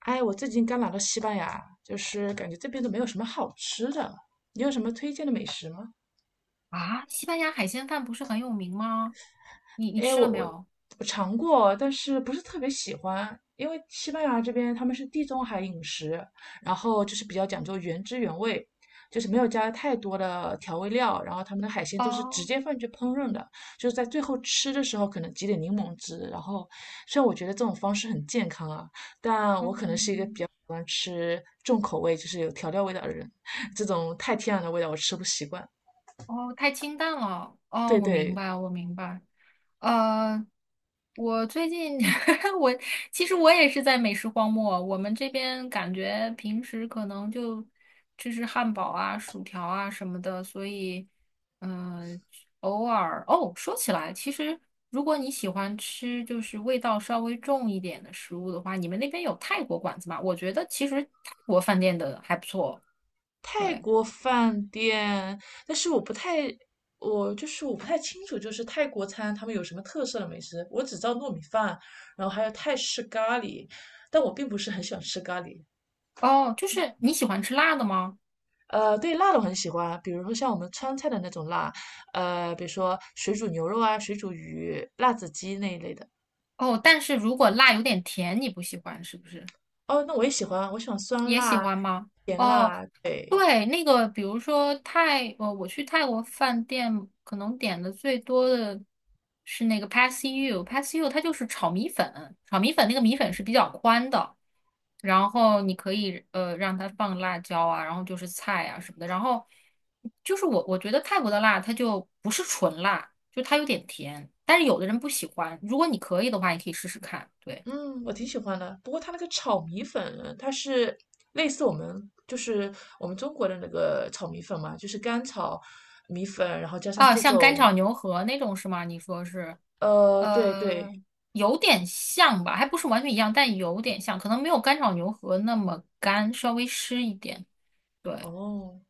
哎，我最近刚来到西班牙，就是感觉这边都没有什么好吃的，你有什么推荐的美食吗？啊，西班牙海鲜饭不是很有名吗？你哎，吃我了没我有？我尝过，但是不是特别喜欢，因为西班牙这边他们是地中海饮食，然后就是比较讲究原汁原味，就是没有加太多的调味料，然后他们的海鲜都是直哦，接放进去烹饪的，就是在最后吃的时候可能挤点柠檬汁，然后虽然我觉得这种方式很健康啊，但我可能是一个比嗯。较喜欢吃重口味，就是有调料味道的人，这种太天然的味道我吃不习惯。哦，太清淡了。哦，对我明对，白，我明白。呃，我最近 我其实我也是在美食荒漠。我们这边感觉平时可能就吃吃汉堡啊、薯条啊什么的，所以嗯、呃偶尔哦，说起来，其实如果你喜欢吃就是味道稍微重一点的食物的话，你们那边有泰国馆子吗？我觉得其实泰国饭店的还不错。泰对，国饭店，但是我不太，我就是我不太清楚，就是泰国餐他们有什么特色的美食，我只知道糯米饭，然后还有泰式咖喱，但我并不是很喜欢吃咖喱。哦，就是你喜欢吃辣的吗？对辣的我很喜欢，比如说像我们川菜的那种辣，比如说水煮牛肉啊、水煮鱼、辣子鸡那一类的。哦，但是如果辣有点甜，你不喜欢是不是？哦，那我也喜欢，我喜欢酸也辣、喜欢吗？甜哦，辣，对。对，那个比如说我去泰国饭店可能点的最多的是那个 p a s s y o u p a s s y o u 它就是炒米粉，炒米粉那个米粉是比较宽的，然后你可以让它放辣椒啊，然后就是菜啊什么的，然后就是我觉得泰国的辣它就不是纯辣，就它有点甜，但是有的人不喜欢，如果你可以的话，你可以试试看，对。嗯，我挺喜欢的。不过它那个炒米粉，它是类似我们中国的那个炒米粉嘛，就是干炒米粉，然后加上啊，各像干种炒牛河那种是吗？你说是，对对，呃，有点像吧，还不是完全一样，但有点像，可能没有干炒牛河那么干，稍微湿一点。对，哦。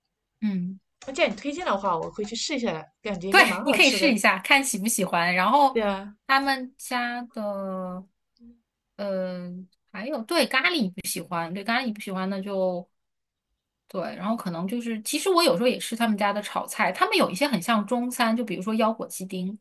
嗯，那既然你推荐的话，我会去试一下的，感觉应对，该蛮你好可以吃试一的。下，看喜不喜欢。然后对啊，他们家的，呃，还有对咖喱不喜欢，对咖喱不喜欢那就对，然后可能就是，其实我有时候也吃他们家的炒菜，他们有一些很像中餐，就比如说腰果鸡丁，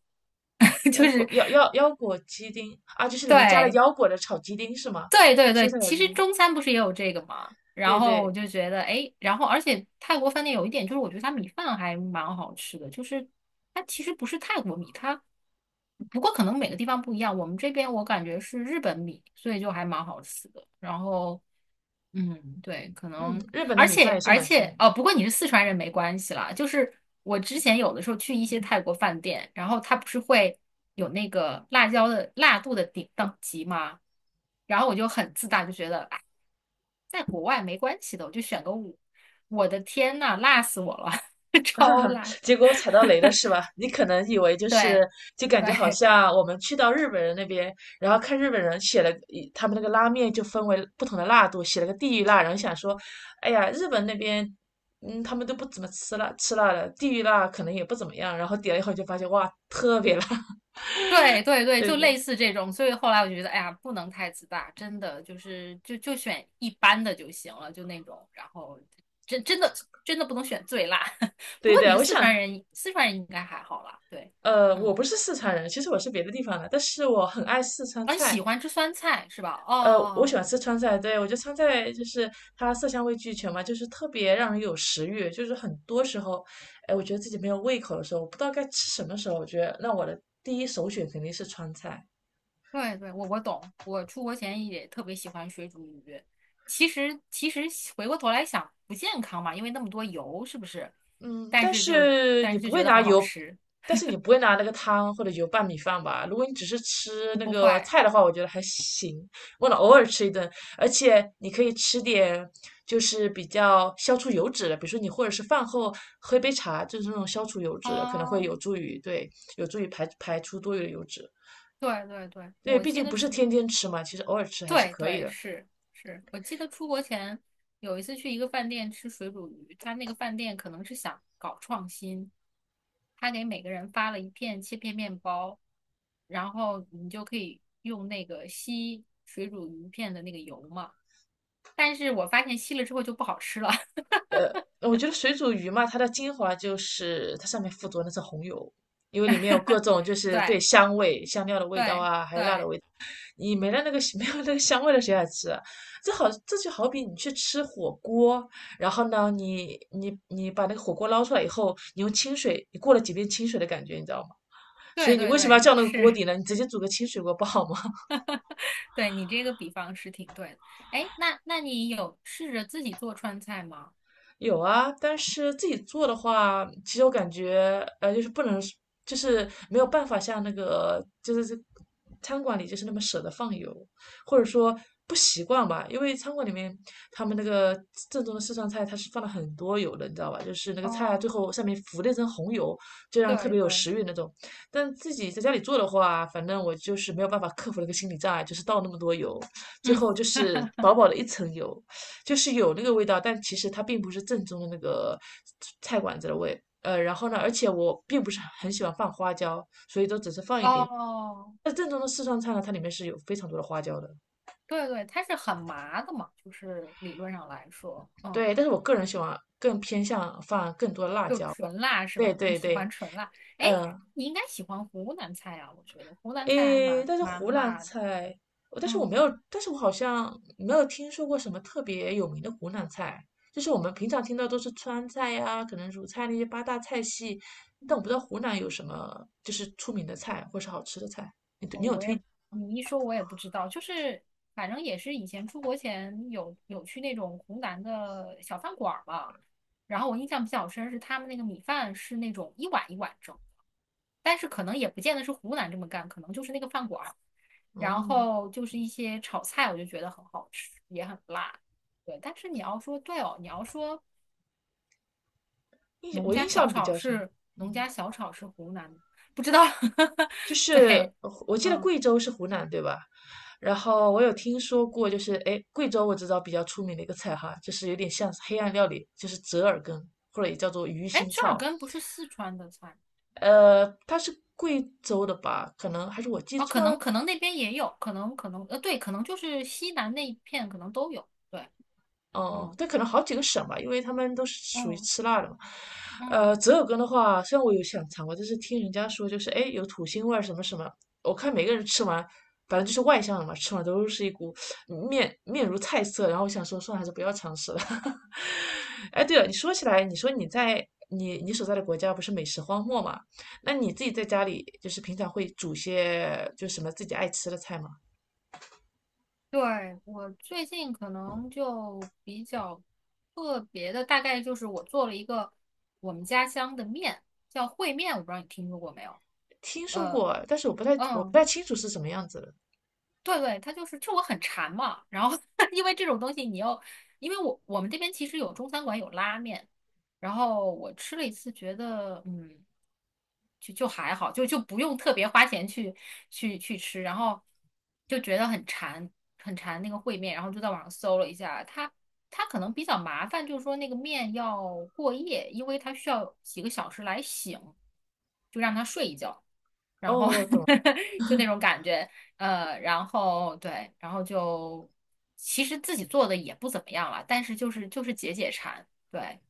就腰果是腰果鸡丁啊，就是里面加了对。腰果的炒鸡丁是吗？对对蔬对，菜炒其鸡实丁，中餐不是也有这个嘛，然对后我对，就觉得，哎，然后而且泰国饭店有一点就是，我觉得它米饭还蛮好吃的，就是它其实不是泰国米，它不过可能每个地方不一样，我们这边我感觉是日本米，所以就还蛮好吃的。然后嗯，对，可嗯，能，日本的而米饭也且是而蛮出且，名哦，的。不过你是四川人没关系啦。就是我之前有的时候去一些泰国饭店，然后它不是会有那个辣椒的辣度的顶等级吗？然后我就很自大，就觉得哎，在国外没关系的，我就选个五。我的天呐，辣死我了，超辣！结果我踩到雷了是吧？你可能以为就对是就感觉好对，像我们去到日本人那边，然后看日本人写了一他们那个拉面就分为不同的辣度，写了个地狱辣，然后想说，哎呀，日本那边。嗯，他们都不怎么吃辣，吃辣的地狱辣可能也不怎么样。然后点了以后就发现，哇，特别辣。对对对，对就对类似这种，所以后来我就觉得，哎呀，不能太自大，真的就是就选一般的就行了，就那种，然后真真的真的不能选最辣。不对过你对，是我四川想，人，四川人应该还好啦，对，嗯，我不是四川人，其实我是别的地方的，但是我很爱四川啊，你喜菜。欢吃酸菜是吧？我喜哦，欢吃川菜，对，我觉得川菜就是它色香味俱全嘛，就是特别让人有食欲。就是很多时候，哎，我觉得自己没有胃口的时候，我不知道该吃什么时候，我觉得那我的第一首选肯定是川菜。对对，我懂，我出国前也特别喜欢水煮鱼，其实回过头来想不健康嘛，因为那么多油，是不是？嗯，但但是就是但你是就不觉会得拿很好油，吃，但是你不会拿那个汤或者油拌米饭吧？如果你只是吃那不个会。菜的话，我觉得还行，为了偶尔吃一顿，而且你可以吃点就是比较消除油脂的，比如说你或者是饭后喝一杯茶，就是那种消除油脂的，可能会有哦，助于对，有助于排出多余的油脂。对对对，对，我毕记竟得不是是，天天吃嘛，其实偶尔吃还是对可以对的。是是，我记得出国前有一次去一个饭店吃水煮鱼，他那个饭店可能是想搞创新，他给每个人发了一片切片面包，然后你就可以用那个吸水煮鱼片的那个油嘛，但是我发现吸了之后就不好吃了，我觉得水煮鱼嘛，它的精华就是它上面附着那层红油，因为里面有各 种就是对对香味、香料的味道对啊，还有辣的对味道。你没了那个 没有那个香味了，谁来吃啊？这好，这就好比你去吃火锅，然后呢，你把那个火锅捞出来以后，你用清水，你过了几遍清水的感觉，你知道吗？所对以你对为什么要对，叫那个是，锅底呢？你直接煮个清水锅不好吗？对你这个比方是挺对的，哎，那你有试着自己做川菜吗？有啊，但是自己做的话，其实我感觉，就是不能，就是没有办法像那个，就是这餐馆里就是那么舍得放油，或者说不习惯吧，因为餐馆里面他们那个正宗的四川菜，它是放了很多油的，你知道吧？就是那个菜啊，哦，最后上面浮了一层红油，就让特对别有对，食欲那种。但自己在家里做的话，反正我就是没有办法克服那个心理障碍，就是倒那么多油，最嗯，后就是 薄薄的一层油。就是有那个味道，但其实它并不是正宗的那个菜馆子的味。然后呢，而且我并不是很喜欢放花椒，所以都只是放一点。哦，那正宗的四川菜呢，它里面是有非常多的花椒的。对对，它是很麻的嘛，就是理论上来说，对，嗯，但是我个人喜欢更偏向放更多的辣就椒。纯辣是对吧？你对喜欢对，纯辣，哎，嗯、你应该喜欢湖南菜啊，我觉得湖南菜还诶，蛮但是湖蛮南辣的，菜，但是我没嗯，有，但是我好像没有听说过什么特别有名的湖南菜，就是我们平常听到都是川菜呀、可能鲁菜那些八大菜系，但我不知嗯道湖南有什么就是出名的菜或是好吃的菜。哦，我也，你一说我也不知道，就是反正也是以前出国前有去那种湖南的小饭馆儿嘛，然后我印象比较深是他们那个米饭是那种一碗一碗蒸。但是可能也不见得是湖南这么干，可能就是那个饭馆儿，然嗯，后就是一些炒菜，我就觉得很好吃，也很辣。对，但是你要说对哦，你要说印我印象比较深，农嗯，家小炒是湖南的，不知道。就是对，我记得嗯，贵州是湖南对吧？然后我有听说过，就是诶，贵州我知道比较出名的一个菜哈，就是有点像黑暗料理，就是折耳根或者也叫做鱼哎，腥折耳草。根不是四川的菜他是贵州的吧？可能还是我记哦，可错能了。可能那边也有，可能，对，可能就是西南那一片可能都有。对，哦、嗯但可能好几个省吧，因为他们都是属于嗯吃辣的嘛。嗯。折耳根的话，虽然我有想尝过，但是听人家说就是哎有土腥味儿什么什么，我看每个人吃完，反正就是外向的嘛，吃完都是一股面面如菜色。然后我想说，算了，还是不要尝试了。哎，对了，你说起来，你说你所在的国家不是美食荒漠嘛？那你自己在家里就是平常会煮些就什么自己爱吃的菜吗？对，我最近可能就比较特别的，大概就是我做了一个我们家乡的面，叫烩面，我不知道你听说过没有？听说呃，过，但是我不嗯，太清楚是什么样子的。对对，他就是我很馋嘛，然后 因为这种东西你要，因为我们这边其实有中餐馆有拉面，然后我吃了一次，觉得嗯，就还好，就不用特别花钱去吃，然后就觉得很馋很馋那个烩面，然后就在网上搜了一下，它可能比较麻烦，就是说那个面要过夜，因为它需要几个小时来醒，就让它睡一觉。哦，然后 我懂了，就那种感觉。然后对，然后就其实自己做的也不怎么样了，但是就是解解馋，对，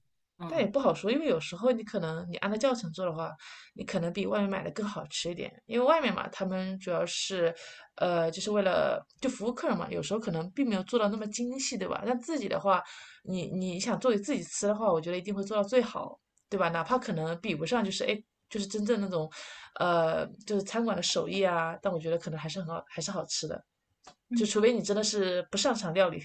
但也嗯。不好说，因为有时候你可能你按照教程做的话，你可能比外面买的更好吃一点，因为外面嘛，他们主要是，就是为了就服务客人嘛，有时候可能并没有做到那么精细，对吧？但自己的话，你想做给自己吃的话，我觉得一定会做到最好，对吧？哪怕可能比不上，就是哎，就是真正那种，就是餐馆的手艺啊，但我觉得可能还是很好，还是好吃的，就除非你真的是不擅长料理。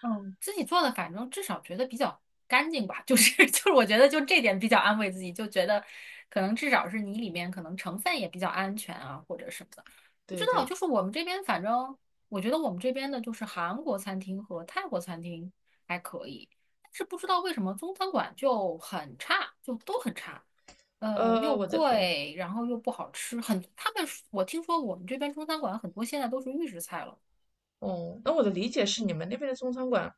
嗯，自己做的，反正至少觉得比较干净吧，就是 就是，我觉得就这点比较安慰自己，就觉得可能至少是你里面可能成分也比较安全啊，或者什么的。不知对道，对，就是我们这边，反正我觉得我们这边的就是韩国餐厅和泰国餐厅还可以，但是不知道为什么中餐馆就很差，就都很差，呃，又我的，嗯，贵，然后又不好吃，很，他们我听说我们这边中餐馆很多现在都是预制菜了，哦，那我的理解是，你们那边的中餐馆，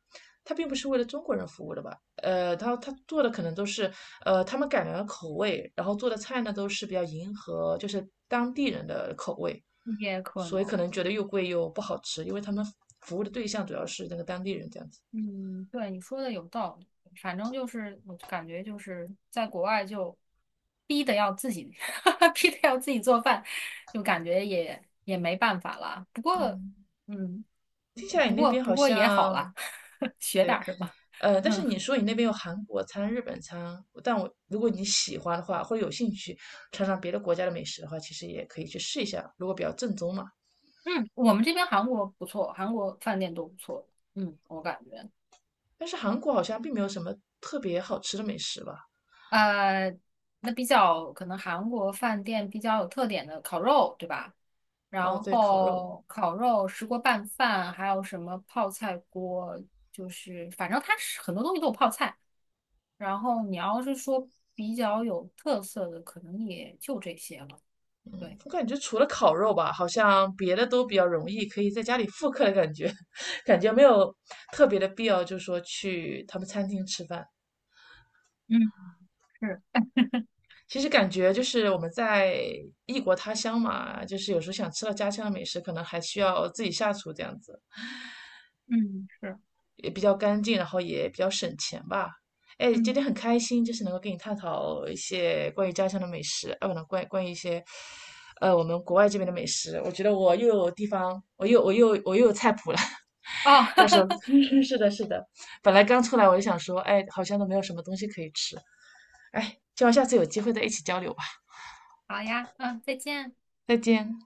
它并不是为了中国人服务的吧？他做的可能都是，他们改良了口味，然后做的菜呢都是比较迎合就是当地人的口味，也可所以可能。能觉得又贵又不好吃，因为他们服务的对象主要是那个当地人这样子。嗯，对，你说的有道理。反正就是，我感觉就是在国外就逼的要自己，逼的要自己做饭，就感觉也没办法了。不过，嗯，嗯，听起来你那边不好过也好啦，像 学点儿什么。但是嗯你说你那边有韩国餐、日本餐，但我如果你喜欢的话，或者有兴趣尝尝别的国家的美食的话，其实也可以去试一下，如果比较正宗嘛。嗯，我们这边韩国不错，韩国饭店都不错。嗯，我感觉。但是韩国好像并没有什么特别好吃的美食吧？呃，那比较可能韩国饭店比较有特点的烤肉，对吧？哦，然对，烤肉，后烤肉、石锅拌饭，还有什么泡菜锅，就是反正它是很多东西都有泡菜。然后你要是说比较有特色的，可能也就这些了。对，我感觉除了烤肉吧，好像别的都比较容易，可以在家里复刻的感觉，感觉没有特别的必要，就是说去他们餐厅吃饭。嗯是，其实感觉就是我们在异国他乡嘛，就是有时候想吃到家乡的美食，可能还需要自己下厨这样子。嗯是，也比较干净，然后也比较省钱吧。哎，今嗯，天很开心，就是能够跟你探讨一些关于家乡的美食，啊，不能关关于一些，我们国外这边的美食。我觉得我又有地方，我又有菜谱了。哦，到时候 是的，是的。本来刚出来我就想说，哎，好像都没有什么东西可以吃。哎，希望下次有机会再一起交流吧。好呀，嗯，再见。再见。